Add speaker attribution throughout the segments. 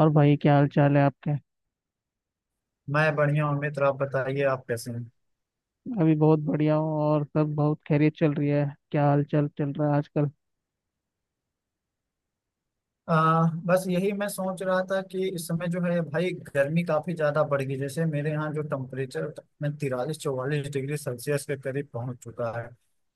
Speaker 1: और भाई क्या हाल चाल है आपके।
Speaker 2: मैं बढ़िया हूँ मित्र। आप बताइए, आप कैसे हैं?
Speaker 1: अभी बहुत बढ़िया हूँ और सब बहुत खैरियत चल रही है। क्या हाल चाल चल रहा है आजकल।
Speaker 2: बस यही मैं सोच रहा था कि इस समय जो है भाई गर्मी काफी ज्यादा बढ़ गई। जैसे मेरे यहाँ जो टेम्परेचर में 43-44 डिग्री सेल्सियस के करीब पहुंच चुका है।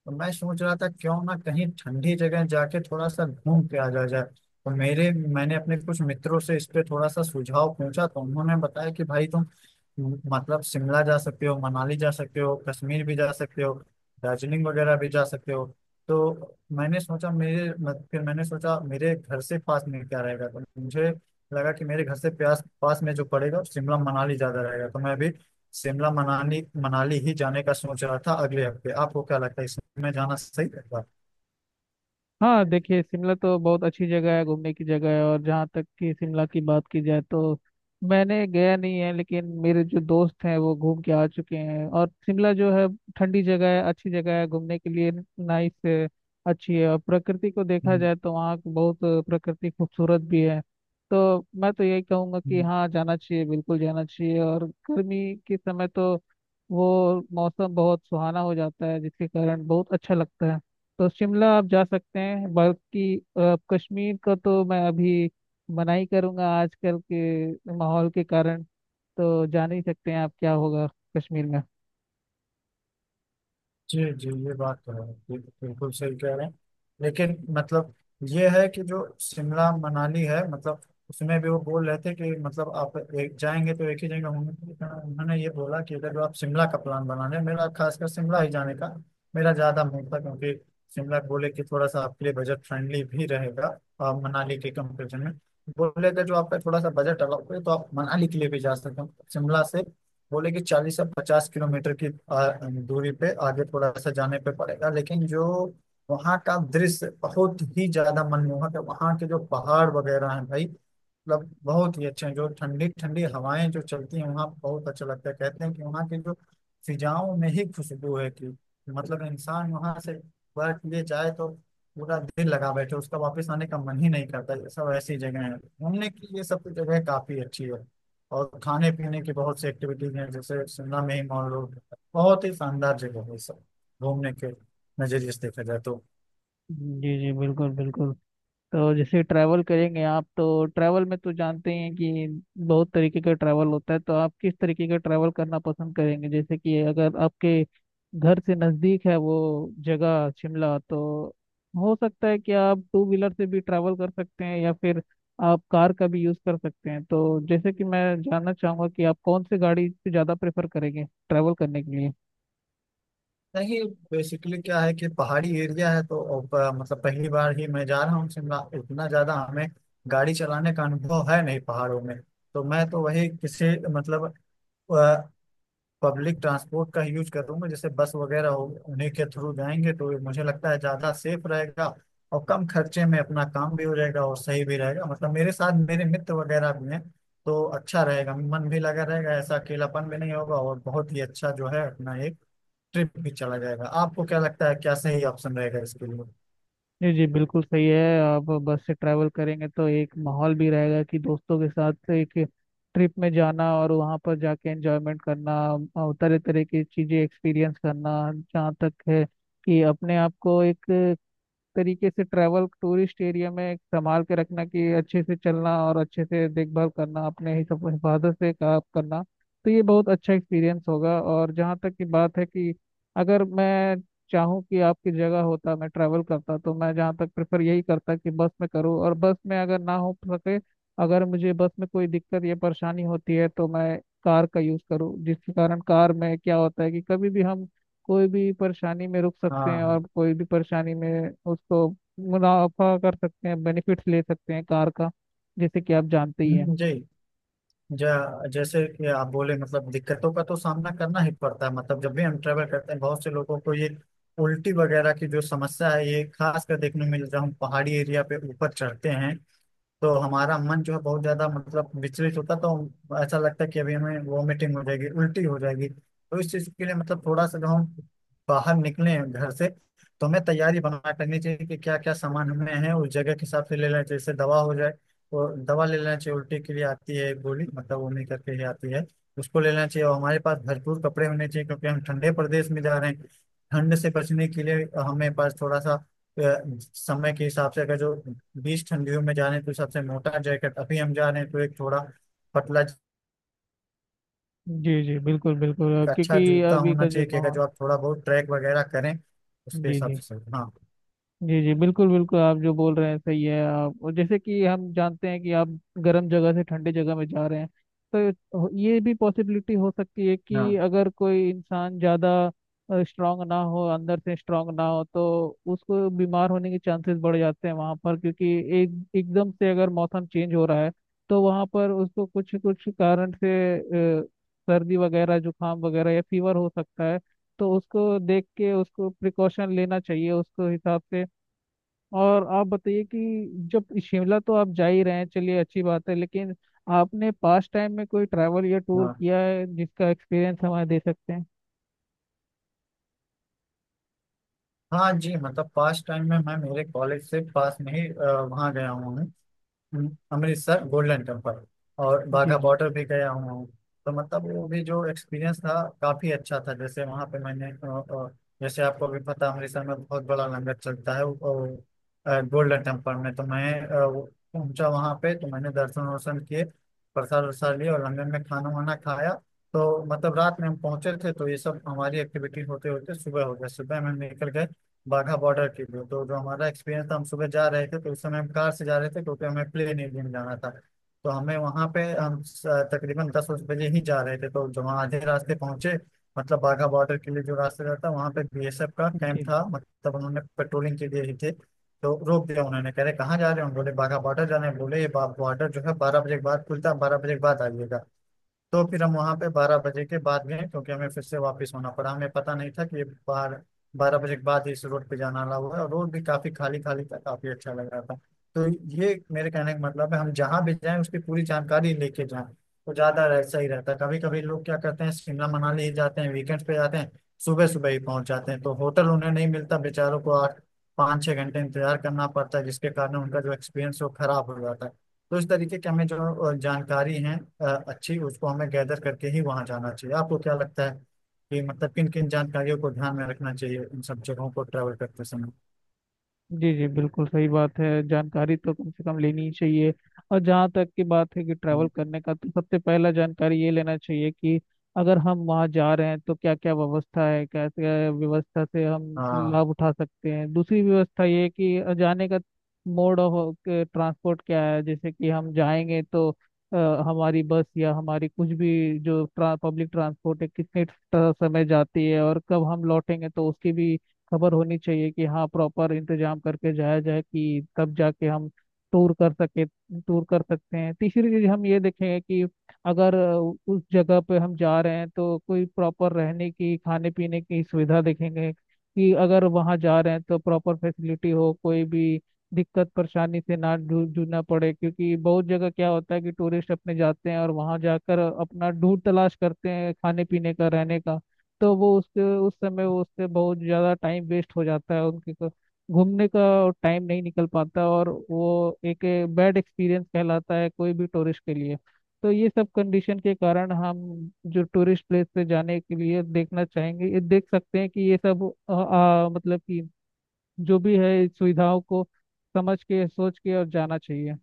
Speaker 2: तो मैं सोच रहा था क्यों ना कहीं ठंडी जगह जाके थोड़ा सा घूम के आ जाया जाए। तो मेरे मैंने अपने कुछ मित्रों से इस पे थोड़ा सा सुझाव पूछा। तो उन्होंने बताया कि भाई तुम मतलब शिमला जा सकते हो, मनाली जा सकते हो, कश्मीर भी जा सकते हो, दार्जिलिंग वगैरह भी जा सकते हो। तो मैंने सोचा मेरे मत, फिर मैंने सोचा मेरे घर से पास में क्या रहेगा, तो मुझे लगा कि मेरे घर से प्यास पास में जो पड़ेगा शिमला मनाली ज्यादा रहेगा। तो मैं अभी शिमला मनाली मनाली ही जाने का सोच रहा था अगले हफ्ते। आपको क्या लगता है इसमें जाना सही रहेगा?
Speaker 1: हाँ देखिए, शिमला तो बहुत अच्छी जगह है, घूमने की जगह है। और जहाँ तक कि शिमला की बात की जाए तो मैंने गया नहीं है, लेकिन मेरे जो दोस्त हैं वो घूम के आ चुके हैं। और शिमला जो है, ठंडी जगह है, अच्छी जगह है घूमने के लिए। नाइस है, अच्छी है। और प्रकृति को देखा जाए तो वहाँ की बहुत प्रकृति खूबसूरत भी है। तो मैं तो यही कहूँगा कि
Speaker 2: हम्म,
Speaker 1: हाँ जाना चाहिए, बिल्कुल जाना चाहिए। और गर्मी के समय तो वो मौसम बहुत सुहाना हो जाता है, जिसके कारण बहुत अच्छा लगता है। तो शिमला आप जा सकते हैं, बल्कि कश्मीर का तो मैं अभी मना ही करूँगा आजकल के माहौल के कारण। तो जान ही सकते हैं आप क्या होगा कश्मीर में।
Speaker 2: जी जी, ये बात तो है, ये तो बिल्कुल सही कह रहे हैं। लेकिन मतलब ये है कि जो शिमला मनाली है मतलब उसमें भी वो बोल रहे थे कि मतलब आप एक जाएंगे तो एक ही जगह होंगे, लेकिन उन्होंने ये बोला कि अगर जो आप शिमला का प्लान बना रहे हैं, मेरा खासकर शिमला ही जाने का मेरा ज्यादा मन था क्योंकि शिमला बोले कि थोड़ा सा आपके लिए बजट फ्रेंडली भी रहेगा मनाली के कंपेरिजन में। बोले अगर जो आपका थोड़ा सा बजट अलग है तो आप मनाली के लिए भी जा सकते हो शिमला से। बोले कि 40 से 50 किलोमीटर की आ, दूरी पे आगे थोड़ा सा जाने पे पड़ेगा। लेकिन जो वहाँ का दृश्य बहुत ही ज्यादा मनमोहक है, वहाँ के जो पहाड़ वगैरह हैं भाई मतलब बहुत ही अच्छे हैं, जो ठंडी ठंडी हवाएं जो चलती हैं वहाँ बहुत अच्छा लगता है। कहते हैं कि वहाँ के जो फिजाओं में ही खुशबू है कि मतलब इंसान वहाँ से बैठ लिए जाए तो पूरा दिल लगा बैठे, उसका वापस आने का मन ही नहीं करता। ये सब ऐसी जगह है घूमने की, ये सब जगह काफी अच्छी है और खाने पीने की बहुत सी एक्टिविटीज हैं, जैसे शिमला में ही मान लो बहुत ही शानदार जगह है सब घूमने के नजरिए से देखा जाए तो।
Speaker 1: जी जी बिल्कुल बिल्कुल। तो जैसे ट्रैवल करेंगे आप, तो ट्रैवल में तो जानते ही हैं कि बहुत तरीके का ट्रैवल होता है। तो आप किस तरीके का ट्रैवल करना पसंद करेंगे? जैसे कि अगर आपके घर से नज़दीक है वो जगह शिमला, तो हो सकता है कि आप टू व्हीलर से भी ट्रैवल कर सकते हैं, या फिर आप कार का भी यूज़ कर सकते हैं। तो जैसे कि मैं जानना चाहूँगा कि आप कौन सी गाड़ी से ज़्यादा प्रेफर करेंगे ट्रैवल करने के लिए।
Speaker 2: नहीं, बेसिकली क्या है कि पहाड़ी एरिया है तो अब, मतलब पहली बार ही मैं जा रहा हूँ शिमला, इतना ज्यादा हमें गाड़ी चलाने का अनुभव है नहीं पहाड़ों में। तो मैं तो वही किसी मतलब पब्लिक ट्रांसपोर्ट का यूज करूंगा, जैसे बस वगैरह हो, उन्हीं के थ्रू जाएंगे तो मुझे लगता है ज्यादा सेफ रहेगा और कम खर्चे में अपना काम भी हो जाएगा और सही भी रहेगा। मतलब मेरे साथ मेरे मित्र वगैरह भी हैं तो अच्छा रहेगा, मन भी लगा रहेगा, ऐसा अकेलापन भी नहीं होगा, और बहुत ही अच्छा जो है अपना एक ट्रिप भी चला जाएगा। आपको क्या लगता है, क्या सही ऑप्शन रहेगा इसके लिए?
Speaker 1: जी जी बिल्कुल सही है। आप बस से ट्रैवल करेंगे तो एक माहौल भी रहेगा कि दोस्तों के साथ एक ट्रिप में जाना और वहाँ पर जाके एंजॉयमेंट करना और तरह तरह की चीज़ें एक्सपीरियंस करना। जहाँ तक है कि अपने आप को एक तरीके से ट्रैवल टूरिस्ट एरिया में एक संभाल के रखना कि अच्छे से चलना और अच्छे से देखभाल करना, अपने ही सब हिफाजत से काम करना। तो ये बहुत अच्छा एक्सपीरियंस होगा। और जहाँ तक की बात है कि अगर मैं चाहूँ कि आपकी जगह होता मैं ट्रैवल करता, तो मैं जहाँ तक प्रेफर यही करता कि बस में करूँ, और बस में अगर ना हो सके, अगर मुझे बस में कोई दिक्कत या परेशानी होती है, तो मैं कार का यूज़ करूँ। जिसके कारण कार में क्या होता है कि कभी भी हम कोई भी परेशानी में रुक
Speaker 2: हाँ
Speaker 1: सकते हैं,
Speaker 2: हाँ।
Speaker 1: और कोई भी परेशानी में उसको मुनाफा कर सकते हैं, बेनिफिट्स ले सकते हैं कार का, जैसे कि आप जानते ही हैं।
Speaker 2: जी। जैसे कि आप बोले मतलब दिक्कतों का तो सामना करना ही पड़ता है। मतलब जब भी हम ट्रेवल करते हैं बहुत से लोगों को ये उल्टी वगैरह की जो समस्या है, ये खास कर देखने में मिल रहा हूँ पहाड़ी एरिया पे ऊपर चढ़ते हैं तो हमारा मन जो है बहुत ज्यादा मतलब विचलित होता है, तो ऐसा लगता है कि अभी हमें वॉमिटिंग हो जाएगी, उल्टी हो जाएगी। तो इस चीज के लिए मतलब थोड़ा सा जब हम बाहर निकले घर से तो हमें तैयारी बना करनी चाहिए कि क्या क्या सामान हमें है उस जगह के हिसाब से ले लेना चाहिए। जैसे दवा हो जाए तो दवा ले लेना चाहिए, उल्टी के लिए आती है एक गोली मतलब वोमिट करके ही आती है, उसको ले लेना चाहिए। और हमारे पास भरपूर कपड़े होने चाहिए क्योंकि हम ठंडे प्रदेश में जा रहे हैं, ठंड से बचने के लिए हमें पास थोड़ा सा अ, समय के हिसाब से अगर जो बीस ठंडियों में जा रहे हैं तो सबसे मोटा जैकेट, अभी हम जा रहे हैं तो एक थोड़ा पतला।
Speaker 1: जी जी बिल्कुल बिल्कुल,
Speaker 2: एक अच्छा
Speaker 1: क्योंकि
Speaker 2: जूता
Speaker 1: अभी
Speaker 2: होना
Speaker 1: का जो
Speaker 2: चाहिए कि अगर
Speaker 1: माहौल।
Speaker 2: जो आप थोड़ा बहुत ट्रैक वगैरह करें, उसके
Speaker 1: जी
Speaker 2: हिसाब
Speaker 1: जी।
Speaker 2: से सही। हाँ
Speaker 1: जी जी बिल्कुल बिल्कुल, आप जो बोल रहे हैं सही है आप। और जैसे कि हम जानते हैं कि आप गर्म जगह से ठंडे जगह में जा रहे हैं, तो ये भी पॉसिबिलिटी हो सकती है
Speaker 2: हाँ
Speaker 1: कि अगर कोई इंसान ज़्यादा स्ट्रांग ना हो, अंदर से स्ट्रांग ना हो, तो उसको बीमार होने के चांसेस बढ़ जाते हैं वहाँ पर। क्योंकि एक एकदम से अगर मौसम चेंज हो रहा है, तो वहाँ पर उसको कुछ कुछ कारण से अ, सर्दी वगैरह, जुकाम वगैरह या फीवर हो सकता है। तो उसको देख के उसको प्रिकॉशन लेना चाहिए उसको हिसाब से। और आप बताइए कि जब शिमला तो आप जा ही रहे हैं, चलिए अच्छी बात है, लेकिन आपने पास्ट टाइम में कोई ट्रैवल या टूर
Speaker 2: हाँ।
Speaker 1: किया है जिसका एक्सपीरियंस हमें दे सकते हैं?
Speaker 2: हाँ जी, मतलब पास टाइम में मैं मेरे कॉलेज से पास में ही वहाँ गया हुआ हूँ। अमृतसर गोल्डन टेम्पल और
Speaker 1: जी
Speaker 2: बाघा
Speaker 1: जी।
Speaker 2: बॉर्डर भी गया हूँ। तो मतलब वो भी जो एक्सपीरियंस था काफी अच्छा था। जैसे वहाँ पे मैंने अ, जैसे आपको भी पता अमृतसर में बहुत बड़ा लंगर चलता है। वो, गोल्डन टेम्पल में तो मैं वो पहुंचा वहाँ पे, तो मैंने दर्शन वर्शन किए, प्रसाद वरसाद लिए और लंगर में खाना वाना खाया। तो मतलब रात में हम पहुंचे थे तो ये सब हमारी एक्टिविटी होते होते सुबह हो गया। सुबह में हम निकल गए बाघा बॉर्डर के लिए। तो जो हमारा एक्सपीरियंस था, हम सुबह जा रहे थे तो उस समय हम कार से जा रहे थे क्योंकि हमें प्लेन एरिया में जाना था। तो हमें वहां पे तकरीबन 10 बजे ही जा रहे थे। तो जब वहाँ आधे रास्ते पहुंचे मतलब बाघा बॉर्डर के लिए जो रास्ते जाता वहाँ पे बीएसएफ का कैंप
Speaker 1: जी
Speaker 2: था,
Speaker 1: जी।
Speaker 2: मतलब उन्होंने पेट्रोलिंग के लिए ही थे, तो रोक दिया। उन्होंने कह रहे कहाँ जा रहे हो, हम बोले बाघा बॉर्डर जाना है, बोले ये बॉर्डर जो है 12 बजे के बाद खुलता है, 12 बजे के बाद आइएगा। तो फिर हम वहां पे 12 बजे के बाद गए, क्योंकि हमें फिर से वापस होना पड़ा, हमें पता नहीं था कि ये 12 बजे के बाद इस रोड पे जाना अलाउ हुआ है। और रोड भी काफी खाली खाली था, काफी अच्छा लग रहा था। तो ये मेरे कहने का मतलब है हम जहाँ भी जाएं उसकी पूरी जानकारी लेके जाएं। तो ज्यादा ऐसा ही रहता है, कभी कभी लोग क्या करते हैं शिमला मनाली ही जाते हैं वीकेंड पे जाते हैं, सुबह सुबह ही पहुंच जाते हैं तो होटल उन्हें नहीं मिलता, बेचारों को 8 5-6 घंटे इंतजार करना पड़ता है जिसके कारण उनका जो एक्सपीरियंस वो खराब हो जाता है। तो इस तरीके की हमें जो जानकारी है अच्छी उसको हमें गैदर करके ही वहां जाना चाहिए। आपको क्या लगता है कि मतलब किन किन जानकारियों को ध्यान में रखना चाहिए इन सब जगहों को ट्रैवल करते समय?
Speaker 1: जी जी बिल्कुल सही बात है, जानकारी तो कम से कम लेनी ही चाहिए। और जहाँ तक की बात है कि ट्रैवल
Speaker 2: हम्म,
Speaker 1: करने का, तो सबसे पहला जानकारी ये लेना चाहिए कि अगर हम वहाँ जा रहे हैं तो क्या क्या व्यवस्था है, कैसे व्यवस्था से हम
Speaker 2: हाँ
Speaker 1: लाभ उठा सकते हैं। दूसरी व्यवस्था ये है कि जाने का मोड ऑफ ट्रांसपोर्ट क्या है। जैसे कि हम जाएंगे तो अ, हमारी बस या हमारी कुछ भी जो पब्लिक ट्रांसपोर्ट है कितने समय जाती है और कब हम लौटेंगे, तो उसकी भी खबर होनी चाहिए कि हाँ प्रॉपर इंतजाम करके जाया जाए, कि तब जाके हम टूर कर सके टूर कर सकते हैं। तीसरी चीज हम ये देखेंगे कि अगर उस जगह पे हम जा रहे हैं तो कोई प्रॉपर रहने की, खाने पीने की सुविधा देखेंगे कि अगर वहाँ जा रहे हैं तो प्रॉपर फैसिलिटी हो, कोई भी दिक्कत परेशानी से ना जूझना पड़े। क्योंकि बहुत जगह क्या होता है कि टूरिस्ट अपने जाते हैं और वहाँ जाकर अपना ढूंढ तलाश करते हैं खाने पीने का, रहने का। तो वो उससे उस समय वो उससे बहुत ज़्यादा टाइम वेस्ट हो जाता है उनके को, घूमने का टाइम नहीं निकल पाता, और वो एक बैड एक्सपीरियंस कहलाता है कोई भी टूरिस्ट के लिए। तो ये सब कंडीशन के कारण हम जो टूरिस्ट प्लेस पे जाने के लिए देखना चाहेंगे, ये देख सकते हैं कि ये सब आ, आ, मतलब कि जो भी है इस सुविधाओं को समझ के, सोच के और जाना चाहिए।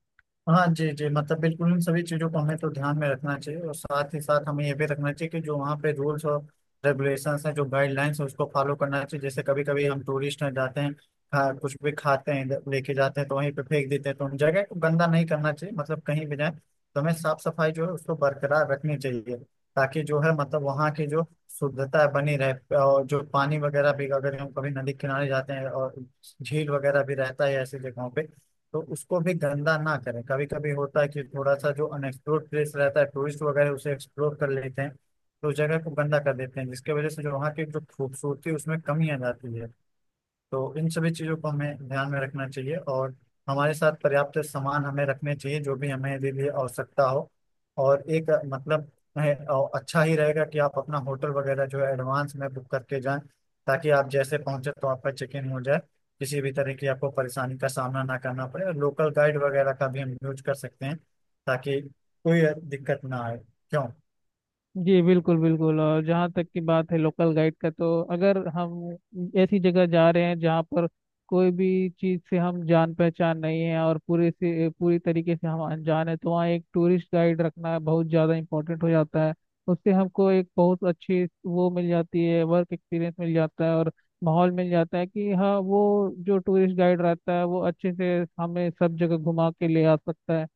Speaker 2: हाँ। जी जी, मतलब बिल्कुल इन सभी चीज़ों को हमें तो ध्यान में रखना चाहिए और साथ ही साथ हमें ये भी रखना चाहिए कि जो वहाँ पे रूल्स और रेगुलेशंस हैं, जो गाइडलाइंस है, उसको फॉलो करना चाहिए। जैसे कभी कभी हम टूरिस्ट हैं जाते हैं, कुछ भी खाते हैं इधर लेके जाते हैं तो वहीं पे फेंक देते हैं, तो उन जगह को गंदा नहीं करना चाहिए। मतलब कहीं भी जाए तो हमें साफ सफाई जो है उसको बरकरार रखनी चाहिए, ताकि जो है मतलब वहाँ की जो शुद्धता है बनी रहे। और जो पानी वगैरह भी अगर हम कभी नदी किनारे जाते हैं और झील वगैरह भी रहता है ऐसी जगहों पे, तो उसको भी गंदा ना करें। कभी कभी होता है कि थोड़ा सा जो अनएक्सप्लोर्ड प्लेस रहता है टूरिस्ट वगैरह उसे एक्सप्लोर कर लेते हैं, तो उस जगह को गंदा कर देते हैं, जिसकी वजह से जो वहाँ की जो खूबसूरती है, उसमें कमी आ जाती है। तो इन सभी चीज़ों को हमें ध्यान में रखना चाहिए और हमारे साथ पर्याप्त सामान हमें रखने चाहिए, जो भी हमें यदि भी आवश्यकता हो। और एक मतलब है, अच्छा ही रहेगा कि आप अपना होटल वगैरह जो है एडवांस में बुक करके जाएं, ताकि आप जैसे पहुंचे तो आपका चेक इन हो जाए, किसी भी तरह की आपको परेशानी का सामना ना करना पड़े। और लोकल गाइड वगैरह का भी हम यूज कर सकते हैं, ताकि कोई दिक्कत ना आए। क्यों?
Speaker 1: जी बिल्कुल बिल्कुल। और जहाँ तक की बात है लोकल गाइड का, तो अगर हम ऐसी जगह जा रहे हैं जहाँ पर कोई भी चीज़ से हम जान पहचान नहीं है और पूरे से पूरी तरीके से हम अनजान है, तो वहाँ एक टूरिस्ट गाइड रखना बहुत ज़्यादा इम्पोर्टेंट हो जाता है। उससे हमको एक बहुत अच्छी वो मिल जाती है, वर्क एक्सपीरियंस मिल जाता है और माहौल मिल जाता है कि हाँ वो जो टूरिस्ट गाइड रहता है वो अच्छे से हमें सब जगह घुमा के ले आ सकता है।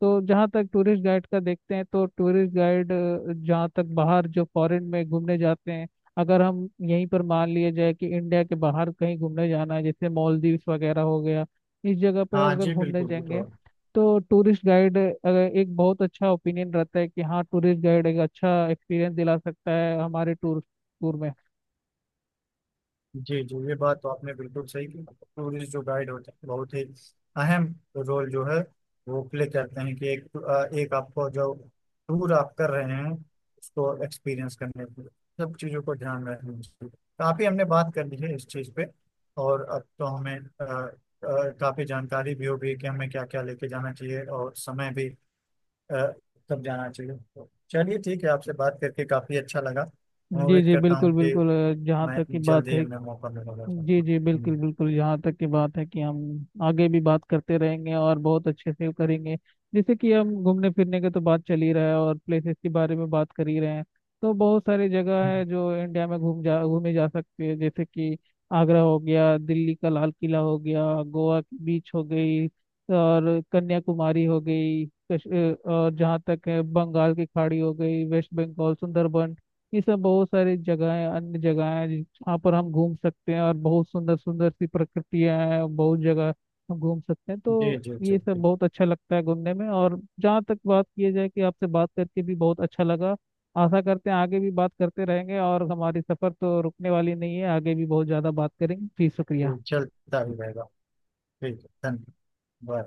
Speaker 1: तो जहाँ तक टूरिस्ट गाइड का देखते हैं, तो टूरिस्ट गाइड जहाँ तक बाहर जो फॉरेन में घूमने जाते हैं, अगर हम यहीं पर मान लिया जाए कि इंडिया के बाहर कहीं घूमने जाना है, जैसे मालदीव्स वगैरह हो गया, इस जगह पे
Speaker 2: हाँ
Speaker 1: अगर
Speaker 2: जी
Speaker 1: घूमने
Speaker 2: बिल्कुल
Speaker 1: जाएंगे,
Speaker 2: बिल्कुल।
Speaker 1: तो टूरिस्ट गाइड अगर, एक बहुत अच्छा ओपिनियन रहता है कि हाँ टूरिस्ट गाइड एक अच्छा एक्सपीरियंस दिला सकता है हमारे टूर टूर में।
Speaker 2: जी जी, ये बात तो आपने बिल्कुल सही की। टूरिस्ट जो गाइड होते हैं बहुत ही अहम रोल जो है वो प्ले करते हैं कि एक एक आपको जो टूर आप कर रहे हैं उसको एक्सपीरियंस करने के लिए सब चीज़ों को ध्यान रखना चाहिए। काफ़ी हमने बात कर ली है इस चीज़ पे और अब तो हमें काफ़ी जानकारी भी हो गई कि हमें क्या क्या लेके जाना चाहिए और समय भी अ, कब जाना चाहिए। तो चलिए ठीक है, आपसे बात करके काफ़ी अच्छा लगा। मैं
Speaker 1: जी
Speaker 2: उम्मीद
Speaker 1: जी
Speaker 2: करता हूँ
Speaker 1: बिल्कुल
Speaker 2: कि
Speaker 1: बिल्कुल, जहाँ
Speaker 2: मैं
Speaker 1: तक की बात
Speaker 2: जल्दी ही
Speaker 1: है।
Speaker 2: मैं मौका मिलेगा तो
Speaker 1: जी
Speaker 2: आपको।
Speaker 1: जी
Speaker 2: हम्म।
Speaker 1: बिल्कुल बिल्कुल, यहाँ तक की बात है कि हम आगे भी बात करते रहेंगे और बहुत अच्छे से करेंगे। जैसे कि हम घूमने फिरने की तो बात चल ही रहा है और प्लेसेस के बारे में बात कर ही रहे हैं, तो बहुत सारी जगह है जो इंडिया में घूमे जा सकती है। जैसे कि आगरा हो गया, दिल्ली का लाल किला हो गया, गोवा की बीच हो गई और कन्याकुमारी हो गई, और जहाँ तक है बंगाल की खाड़ी हो गई, वेस्ट बंगाल सुंदरबन। ये सब बहुत सारी जगह है, अन्य जगह है वहाँ पर हम घूम सकते हैं, और बहुत सुंदर सुंदर सी प्रकृतियाँ हैं, बहुत जगह हम घूम सकते हैं।
Speaker 2: जी
Speaker 1: तो
Speaker 2: जी
Speaker 1: ये सब
Speaker 2: जी।
Speaker 1: बहुत अच्छा लगता है घूमने में। और जहाँ तक बात किया जाए कि आपसे बात करके भी बहुत अच्छा लगा, आशा करते हैं आगे भी बात करते रहेंगे, और हमारी सफ़र तो रुकने वाली नहीं है, आगे भी बहुत ज़्यादा बात करेंगे। जी
Speaker 2: जी।
Speaker 1: शुक्रिया।
Speaker 2: चलता ही रहेगा। ठीक है, धन्यवाद। बाय।